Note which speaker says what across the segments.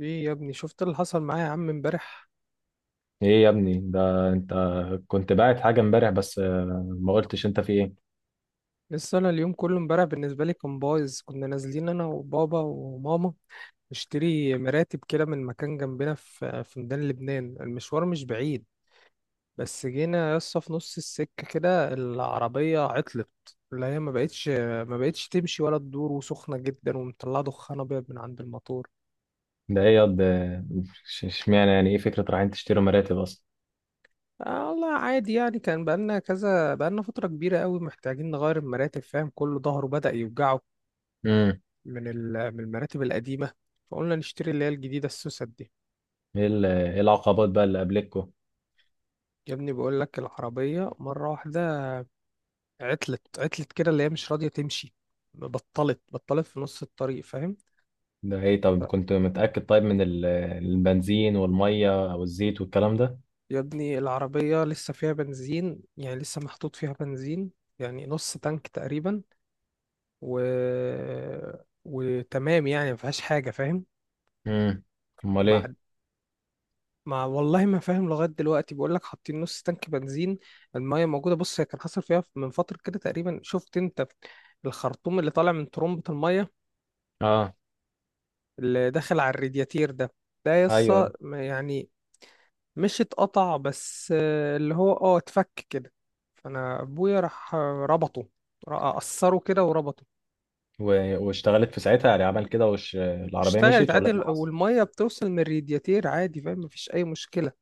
Speaker 1: ايه يا ابني، شفت اللي حصل معايا يا عم امبارح؟
Speaker 2: ايه يا ابني ده انت كنت باعت حاجة امبارح بس ما قلتش انت في ايه.
Speaker 1: لسه انا اليوم كله، امبارح بالنسبه لي كان بايظ. كنا نازلين انا وبابا وماما نشتري مراتب كده من مكان جنبنا في ميدان لبنان. المشوار مش بعيد، بس جينا يسطا في نص السكه كده العربيه عطلت، اللي هي ما بقتش تمشي ولا تدور، وسخنه جدا ومطلعه دخان ابيض من عند الموتور.
Speaker 2: ده ايه ياض اشمعنى يعني ايه فكرة رايحين تشتروا مراتب اصلا؟
Speaker 1: آه والله عادي، يعني كان بقالنا كذا، بقالنا فترة كبيرة قوي محتاجين نغير المراتب، فاهم؟ كله ظهره بدأ يوجعه
Speaker 2: امم
Speaker 1: من المراتب القديمة، فقلنا نشتري اللي هي الجديدة، السوسة دي.
Speaker 2: ايه إيه العقبات بقى اللي قابلتكوا؟
Speaker 1: يا ابني بقول لك، العربية مرة واحدة عطلت كده، اللي هي مش راضية تمشي، بطلت في نص الطريق، فاهم؟
Speaker 2: ده ايه؟ طب كنت متأكد طيب من البنزين والمية او الزيت والكلام ده؟
Speaker 1: يا ابني العربية لسه فيها بنزين، يعني لسه محطوط فيها بنزين، يعني نص تانك تقريبا، و... وتمام يعني، ما فيهاش حاجة، فاهم؟
Speaker 2: امم، امال ايه؟
Speaker 1: وبعد، ما والله ما فاهم لغايه دلوقتي. بقول لك حاطين نص تانك بنزين، المايه موجوده. بص، هي كان حصل فيها من فتره كده تقريبا، شفت انت الخرطوم اللي طالع من ترمبه المايه
Speaker 2: اه،
Speaker 1: اللي داخل على الرادياتير ده؟ ده
Speaker 2: ايوه،
Speaker 1: يسا
Speaker 2: أيوة.
Speaker 1: ما- يعني مش اتقطع، بس اللي هو اه اتفك كده. فانا ابويا راح ربطه، قصره كده وربطه.
Speaker 2: واشتغلت في ساعتها يعني؟ عمل كده وش العربية
Speaker 1: اشتغلت
Speaker 2: مشيت ولا
Speaker 1: عادي،
Speaker 2: ايه اللي حصل؟
Speaker 1: والميه بتوصل من الرادياتير عادي، فاهم؟ مفيش اي مشكله،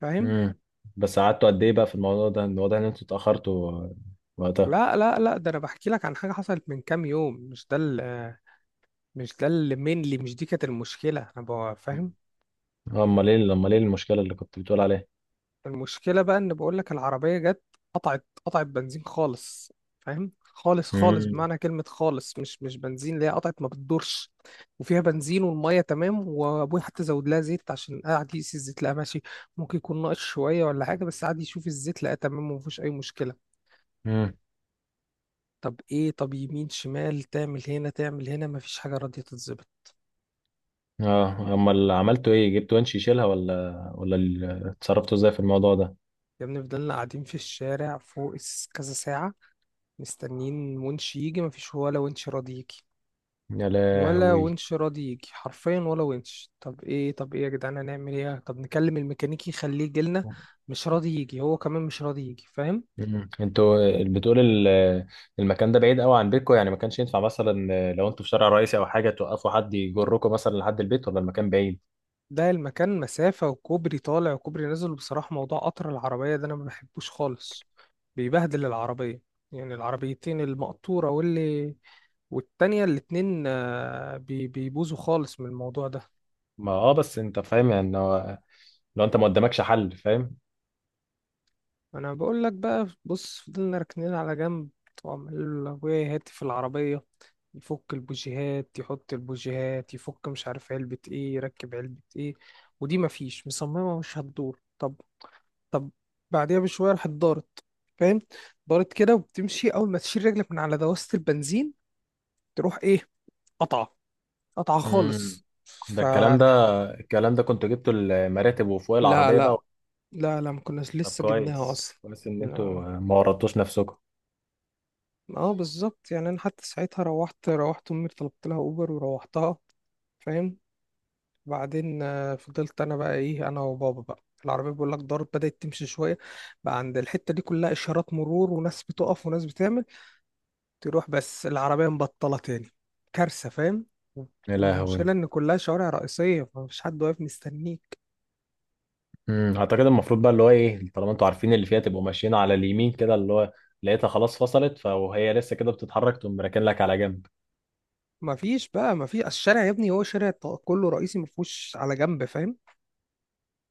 Speaker 1: فاهم؟
Speaker 2: امم. بس قعدتوا قد ايه بقى في الموضوع ده؟ الوضع ان انتوا اتأخرتوا وقتها؟
Speaker 1: لا لا لا، ده انا بحكي لك عن حاجه حصلت من كام يوم، مش ده. مش ده اللي مينلي، مش دي كانت المشكلة، انا بقى فاهم.
Speaker 2: امال ايه؟ امال ايه المشكله اللي كنت بتقول عليها؟
Speaker 1: المشكلة بقى ان بقول لك العربية جت، قطعت بنزين خالص، فاهم؟ خالص خالص
Speaker 2: امم.
Speaker 1: بمعنى كلمة خالص، مش بنزين، اللي هي قطعت، ما بتدورش. وفيها بنزين، والمية تمام، وابوي حتى زود لها زيت عشان قاعد يقيس الزيت لقى ماشي، ممكن يكون ناقص شوية ولا حاجة، بس قاعد يشوف الزيت لقى تمام ومفيش أي مشكلة.
Speaker 2: امم.
Speaker 1: طب ايه، طب يمين شمال، تعمل هنا تعمل هنا، مفيش حاجة راضية تتظبط.
Speaker 2: اه، امال عملتوا ايه؟ جبتوا ونش يشيلها ولا ولا اتصرفتوا ازاي في الموضوع ده؟
Speaker 1: يا ابني فضلنا قاعدين في الشارع فوق كذا ساعة مستنيين ونش يجي، مفيش ولا ونش راضي يجي.
Speaker 2: يا
Speaker 1: ولا
Speaker 2: لهوي.
Speaker 1: ونش راضي يجي حرفيا، ولا ونش. طب ايه، يا جدعان هنعمل ايه؟ طب نكلم الميكانيكي يخليه يجيلنا، مش راضي يجي، هو كمان مش راضي يجي، فاهم؟
Speaker 2: مم. انتوا بتقول المكان ده بعيد قوي عن بيتكم يعني؟ ما كانش ينفع مثلا لو انتوا في شارع رئيسي او حاجه توقفوا حد يجركم مثلا لحد البيت، ولا المكان بعيد؟
Speaker 1: ده المكان مسافة، وكوبري طالع وكوبري نازل. بصراحة موضوع قطر العربية ده أنا ما بحبوش خالص، بيبهدل العربية. يعني العربيتين، المقطورة واللي والتانية، الاتنين بيبوظوا خالص من الموضوع ده.
Speaker 2: ما اه، بس انت فاهم يعني لو انت ما قدامكش حل، فاهم.
Speaker 1: انا بقول لك بقى، بص، فضلنا راكنين على جنب، وعمال ابويا يهاتي في العربيه، يفك البوجيهات يحط البوجيهات، يفك مش عارف علبه ايه، يركب علبه ايه. ودي مفيش مصممه مش هتدور. طب، طب بعديها بشويه راحت دارت، فاهم؟ دارت كده وبتمشي، اول ما تشيل رجلك من على دواسه البنزين تروح ايه؟ قطعه،
Speaker 2: مم.
Speaker 1: خالص
Speaker 2: ده
Speaker 1: ف-
Speaker 2: الكلام ده، الكلام ده كنت جبته المراتب وفوق
Speaker 1: لا
Speaker 2: العربيه
Speaker 1: لا،
Speaker 2: بقى؟
Speaker 1: ما كناش
Speaker 2: طب
Speaker 1: لسه جبناها
Speaker 2: كويس
Speaker 1: اصلا.
Speaker 2: كويس ان انتوا ما ورطتوش نفسكم.
Speaker 1: اه بالظبط، يعني انا حتى ساعتها روحت امي، طلبت لها اوبر وروحتها، فاهم؟ بعدين فضلت انا بقى ايه، انا وبابا بقى. العربيه بقول لك دارت، بدات تمشي شويه. بقى عند الحته دي كلها اشارات مرور وناس بتقف وناس بتعمل، تروح بس العربيه مبطله تاني، كارثه، فاهم؟
Speaker 2: يا لهوي.
Speaker 1: والمشكله ان كلها شوارع رئيسيه، فمفيش حد واقف مستنيك.
Speaker 2: امم. اعتقد المفروض بقى اللي هو ايه، طالما انتوا عارفين اللي فيها تبقوا ماشيين على اليمين كده، اللي هو لقيتها خلاص فصلت فهي لسه كده بتتحرك، تقوم راكن لك على جنب.
Speaker 1: مفيش بقى مفيش، الشارع يا ابني هو شارع كله رئيسي، مفهوش على جنب، فاهم؟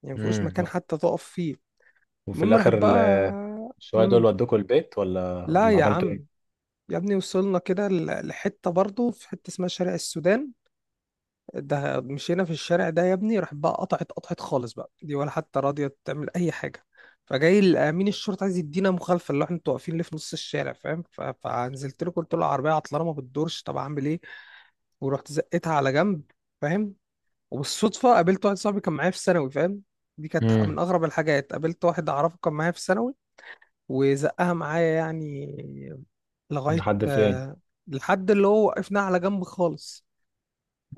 Speaker 1: يعني مفهوش
Speaker 2: امم.
Speaker 1: مكان حتى تقف فيه.
Speaker 2: وفي
Speaker 1: المهم راحت
Speaker 2: الاخر
Speaker 1: بقى.
Speaker 2: شويه دول ودوكوا البيت ولا
Speaker 1: لا
Speaker 2: ولا
Speaker 1: يا
Speaker 2: عملتوا
Speaker 1: عم،
Speaker 2: ايه؟
Speaker 1: يا ابني وصلنا كده لحتة برضه، في حتة اسمها شارع السودان. ده مشينا في الشارع ده يا ابني، راح بقى قطعت خالص بقى دي، ولا حتى راضية تعمل أي حاجة. فجاي أمين الشرطة عايز يدينا مخالفة، اللي هو احنا انتوا واقفين ليه في نص الشارع، فاهم؟ فنزلت له، قلت له العربية عطلانة ما بتدورش، طب أعمل إيه؟ ورحت زقتها على جنب، فاهم؟ وبالصدفة قابلت واحد صاحبي كان معايا في ثانوي، فاهم؟ دي كانت من
Speaker 2: امم.
Speaker 1: أغرب الحاجات، قابلت واحد أعرفه كان معايا في ثانوي، وزقها معايا يعني لغاية
Speaker 2: لحد فين؟
Speaker 1: لحد اللي هو وقفنا على جنب خالص.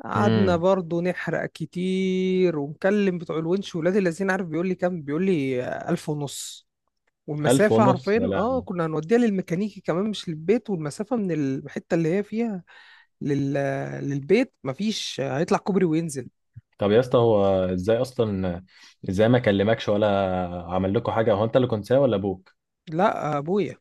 Speaker 1: قعدنا
Speaker 2: امم.
Speaker 1: برضو نحرق كتير، ومكلم بتوع الونش ولاد الذين، عارف بيقول لي كام؟ بيقول لي ألف ونص.
Speaker 2: ألف
Speaker 1: والمسافة
Speaker 2: ونص؟ يا
Speaker 1: عارفين اه،
Speaker 2: لهوي.
Speaker 1: كنا هنوديها للميكانيكي كمان مش للبيت، والمسافة من الحتة اللي هي فيها لل... آه، للبيت مفيش، هيطلع كوبري وينزل.
Speaker 2: طب يا اسطى هو ازاي اصلا؟ ازاي ما كلمكش ولا عمل لكم حاجه؟ هو انت اللي كنت سايق ولا ابوه؟
Speaker 1: لا، يا ابويا.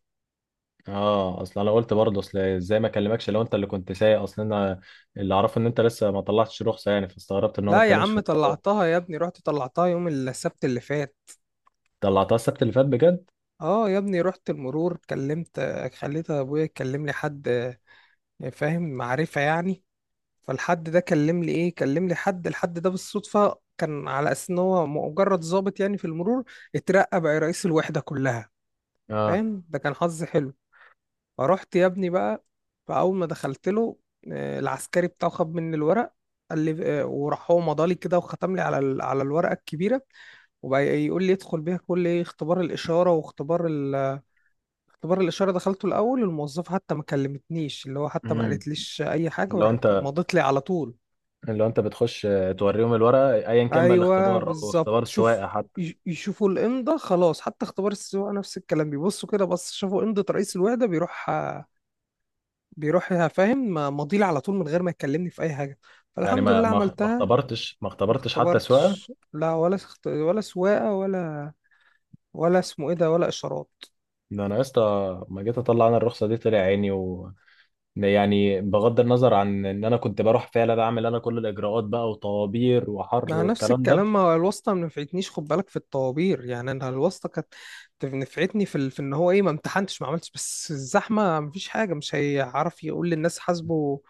Speaker 2: اه، اصل انا قلت برضه اصل ازاي ما اكلمكش لو انت اللي كنت سايق. اصل انا اللي اعرفه ان انت لسه ما طلعتش رخصه يعني، فاستغربت ان هو ما
Speaker 1: لا يا
Speaker 2: اتكلمش
Speaker 1: عم
Speaker 2: في الموضوع.
Speaker 1: طلعتها يا ابني، رحت طلعتها يوم السبت اللي فات.
Speaker 2: طلعتها السبت اللي فات بجد؟
Speaker 1: اه يا ابني رحت المرور، كلمت خليت ابويا يكلم لي حد، يعني فاهم، معرفة يعني. فالحد ده كلم لي ايه، كلم لي حد. الحد ده بالصدفة كان على اساس ان هو مجرد ضابط يعني في المرور، اترقى بقى رئيس الوحدة كلها،
Speaker 2: اه.
Speaker 1: فاهم؟ ده كان حظ حلو. فرحت يا ابني بقى، فاول ما دخلت له العسكري بتاعه خد مني الورق، قال لي وراح هو مضالي كده وختم لي على على الورقة الكبيرة. وبقى يقول لي ادخل بيها كل ايه، اختبار الإشارة واختبار. اختبار الإشارة دخلته الأول، الموظفة حتى ما كلمتنيش، اللي هو حتى ما
Speaker 2: امم.
Speaker 1: قالتليش أي حاجة،
Speaker 2: لو
Speaker 1: وراحت
Speaker 2: انت،
Speaker 1: مضت لي على طول.
Speaker 2: لو انت بتخش توريهم الورقه ايا كان بقى
Speaker 1: أيوه
Speaker 2: الاختبار او
Speaker 1: بالظبط،
Speaker 2: اختبار
Speaker 1: شوف،
Speaker 2: السواقه حتى.
Speaker 1: يشوفوا الإمضة خلاص. حتى اختبار السواقة نفس الكلام، بيبصوا كده، بس شافوا إمضة رئيس الوحدة بيروح، فاهم؟ مضيلي على طول من غير ما يكلمني في أي حاجة.
Speaker 2: يعني
Speaker 1: فالحمد
Speaker 2: ما
Speaker 1: لله
Speaker 2: ما ما
Speaker 1: عملتها.
Speaker 2: اختبرتش، ما
Speaker 1: ما
Speaker 2: اختبرتش حتى سواقه؟
Speaker 1: اختبرتش لا، ولا ولا سواقة، ولا ولا اسمه إيه ده، ولا إشارات.
Speaker 2: ده انا يا اسطى ما جيت اطلع انا الرخصه دي طلع عيني. و يعني بغض النظر عن ان انا كنت بروح فعلا اعمل انا كل الاجراءات بقى وطوابير وحر
Speaker 1: ما نفس
Speaker 2: والكلام ده.
Speaker 1: الكلام، ما هو الواسطة ما نفعتنيش خد بالك في الطوابير. يعني انا الواسطة كانت نفعتني في في ان هو ايه ما امتحنتش ما عملتش، بس الزحمة مفيش حاجة، مش هيعرف يقول للناس حاسبه،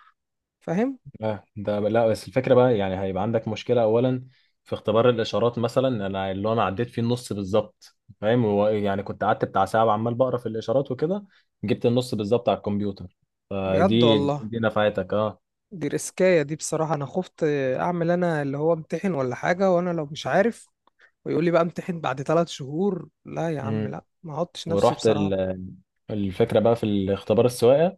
Speaker 1: فاهم؟
Speaker 2: اه، ده لا، بس الفكره بقى يعني هيبقى عندك مشكله اولا في اختبار الاشارات مثلا. انا اللي انا عديت فيه النص بالظبط، فاهم؟ هو يعني كنت قعدت بتاع ساعه عمال بقرا في الاشارات وكده، جبت النص بالظبط على الكمبيوتر.
Speaker 1: بجد
Speaker 2: فدي
Speaker 1: والله،
Speaker 2: دي نفعتك. اه.
Speaker 1: دي ريسكاية دي بصراحة. انا خفت اعمل انا اللي هو امتحن ولا حاجة وانا لو مش عارف، ويقول لي بقى امتحن بعد ثلاث شهور. لا يا عم
Speaker 2: امم.
Speaker 1: لا، ما احطش نفسي
Speaker 2: ورحت
Speaker 1: بصراحة.
Speaker 2: الفكره بقى في الاختبار السواقه،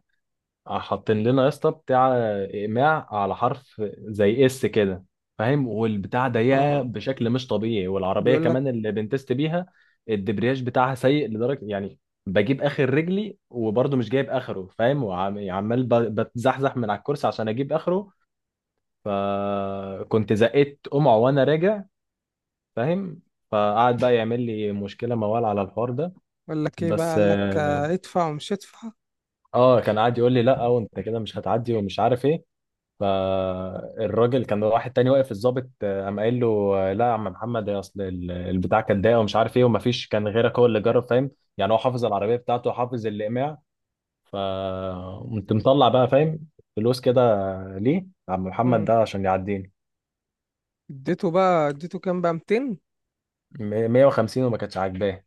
Speaker 2: حاطين لنا يا اسطى بتاع اقماع على حرف زي اس كده، فاهم؟ والبتاع ضيقه
Speaker 1: اه
Speaker 2: بشكل مش طبيعي، والعربيه
Speaker 1: بيقول لك.
Speaker 2: كمان اللي بنتست بيها الدبرياج بتاعها سيء لدرجه يعني بجيب اخر رجلي وبرضه مش جايب اخره، فاهم؟ وعمال بتزحزح من على الكرسي عشان اجيب اخره. فكنت زقيت قمع وانا راجع، فاهم؟ فقعد بقى يعمل لي مشكله موال على الحوار ده.
Speaker 1: قال لك ايه بقى،
Speaker 2: بس
Speaker 1: قال لك
Speaker 2: اه،
Speaker 1: ادفع ومش ادفع.
Speaker 2: كان قاعد يقول لي لا وانت كده مش هتعدي ومش عارف ايه. فالراجل كان واحد تاني واقف الضابط، قام قايل له لا يا عم محمد، يا اصل البتاع كان ضايق ومش عارف ايه، ومفيش كان غيرك هو اللي جرب، فاهم؟ يعني هو حافظ العربيه بتاعته وحافظ الاقماع. فقمت مطلع بقى، فاهم، فلوس كده، ليه؟ عم محمد
Speaker 1: مم.
Speaker 2: ده عشان يعديني.
Speaker 1: اديته بقى، اديته كام بقى؟ 200.
Speaker 2: 150 وما كانتش عاجباه.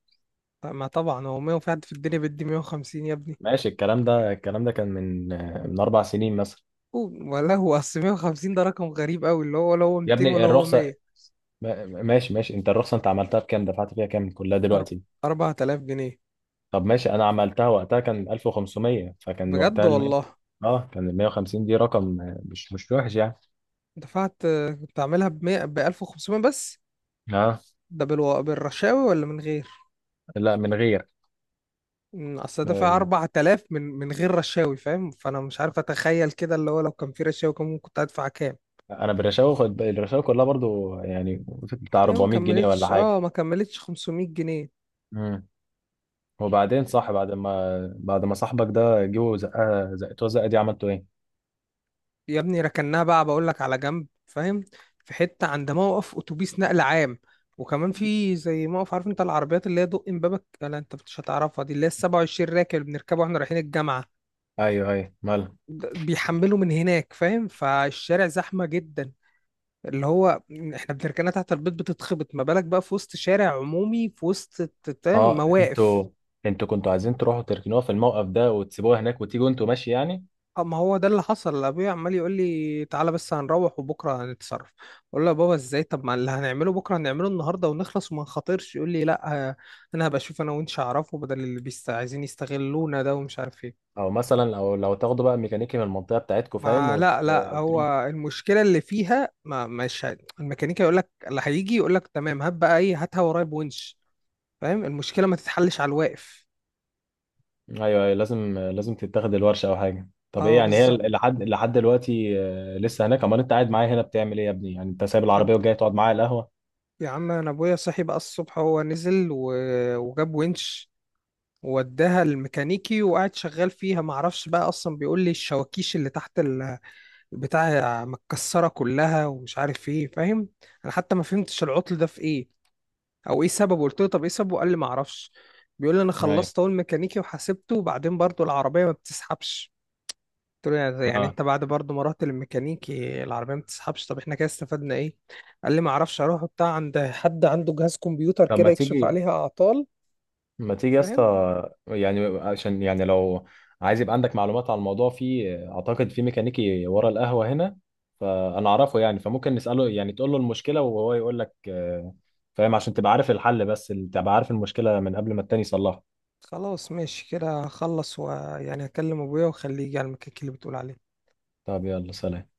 Speaker 1: ما طبعا هو 100، في حد في الدنيا بيدي 150 يا ابني؟
Speaker 2: ماشي. الكلام ده، الكلام ده كان من من اربع سنين مثلا.
Speaker 1: ولا هو اصل 150 ده رقم غريب قوي، اللي هو ولا هو
Speaker 2: يا
Speaker 1: 200
Speaker 2: ابني
Speaker 1: ولا هو
Speaker 2: الرخصه،
Speaker 1: 100.
Speaker 2: ماشي ماشي. انت الرخصه انت عملتها بكام، دفعت فيها كام كلها
Speaker 1: أر-
Speaker 2: دلوقتي؟
Speaker 1: 4000 جنيه.
Speaker 2: طب ماشي، انا عملتها وقتها كان 1500، فكان
Speaker 1: بجد
Speaker 2: وقتها ال 100.
Speaker 1: والله؟
Speaker 2: اه، كان ال 150 دي رقم مش مش وحش يعني.
Speaker 1: دفعت كنت عاملها ب 100، ب 1500 بس.
Speaker 2: اه
Speaker 1: ده بالرشاوي ولا من غير؟
Speaker 2: لا، من غير
Speaker 1: اصل دافع
Speaker 2: ال-
Speaker 1: 4000 من غير رشاوي، فاهم؟ فانا مش عارف اتخيل كده، اللي هو لو كان في رشاوي كان ممكن كنت هدفع كام.
Speaker 2: انا بالرشاوي خد الرشاوي كلها برضو يعني بتاع
Speaker 1: ده ما
Speaker 2: 400 جنيه ولا
Speaker 1: كملتش اه،
Speaker 2: حاجه.
Speaker 1: ما كملتش 500 جنيه.
Speaker 2: امم. وبعدين صح، بعد ما بعد ما صاحبك ده جه زقها زقتوها زقه دي، عملتوا ايه؟
Speaker 1: يا ابني ركناها بقى، بقول لك على جنب، فاهم؟ في حته عند موقف اتوبيس نقل عام، وكمان في زي موقف، عارف انت العربيات اللي هي دق امبابك؟ لا انت مش هتعرفها، دي اللي هي ال 27 راكب اللي بنركبه واحنا رايحين الجامعه.
Speaker 2: ايوه ايوه، مالها؟
Speaker 1: ده بيحملوا من هناك، فاهم؟ فالشارع زحمه جدا، اللي هو احنا بنركنها تحت البيت بتتخبط، ما بالك بقى في وسط شارع عمومي في وسط فاهم،
Speaker 2: اه،
Speaker 1: مواقف.
Speaker 2: انتوا، انتوا كنتوا عايزين تروحوا تركنوها في الموقف ده وتسيبوها هناك وتيجوا انتوا، ماشي يعني؟
Speaker 1: اه ما هو ده اللي حصل. ابويا عمال يقول لي تعالى بس هنروح وبكره هنتصرف، اقول له يا بابا ازاي، طب ما اللي هنعمله بكره هنعمله النهارده ونخلص وما نخاطرش. يقول لي لا انا هبقى اشوف انا وانت اعرفه، بدل اللي بيست عايزين يستغلونا ده ومش عارف ايه.
Speaker 2: او مثلا او لو تاخدوا بقى ميكانيكي من المنطقه بتاعتكم، فاهم،
Speaker 1: ما لا لا، هو المشكله اللي فيها، ما مش الميكانيكا يقول لك، اللي هيجي يقول لك تمام هات بقى ايه، هاتها ورايا بونش، فاهم؟ المشكله ما تتحلش على الواقف.
Speaker 2: ايوه ايوه، لازم لازم تتاخد الورشه او حاجه. طب ايه
Speaker 1: اه
Speaker 2: يعني، هي
Speaker 1: بالظبط.
Speaker 2: لحد لحد دلوقتي لسه هناك؟ امال انت قاعد معايا هنا بتعمل ايه يا ابني؟ يعني انت سايب
Speaker 1: يا
Speaker 2: العربيه
Speaker 1: ابني-
Speaker 2: وجاي تقعد معايا على القهوه؟
Speaker 1: يا عم انا ابويا صحي بقى الصبح، هو نزل وجاب ونش، وداها الميكانيكي وقعد شغال فيها. معرفش بقى اصلا، بيقول لي الشواكيش اللي تحت البتاع متكسره كلها ومش عارف ايه، فاهم؟ انا حتى ما فهمتش العطل ده في ايه او ايه سببه. قلت له طب ايه سببه، قال لي معرفش. بيقول لي انا
Speaker 2: ايوه.
Speaker 1: خلصت اول ميكانيكي وحاسبته، وبعدين برضو العربيه ما بتسحبش. قلت له يعني،
Speaker 2: اه.
Speaker 1: انت بعد برضو ما رحت للميكانيكي العربيه ما بتسحبش، طب احنا كده استفدنا ايه؟ قال لي معرفش، اروح بتاع عند حد عنده جهاز كمبيوتر
Speaker 2: طب ما
Speaker 1: كده يكشف
Speaker 2: تيجي،
Speaker 1: عليها اعطال،
Speaker 2: ما تيجي يا
Speaker 1: فاهم؟
Speaker 2: اسطى، يعني عشان يعني لو عايز يبقى عندك معلومات عن الموضوع، في اعتقد في ميكانيكي ورا القهوه هنا، فانا اعرفه يعني، فممكن نساله يعني، تقول له المشكله وهو يقول لك فاهم، عشان تبقى عارف الحل، بس تبقى عارف المشكله من قبل ما التاني يصلحها.
Speaker 1: خلاص ماشي كده، هخلص ويعني هكلم ابويا واخليه يجي على المكان اللي بتقول عليه.
Speaker 2: طب يلا، سلام.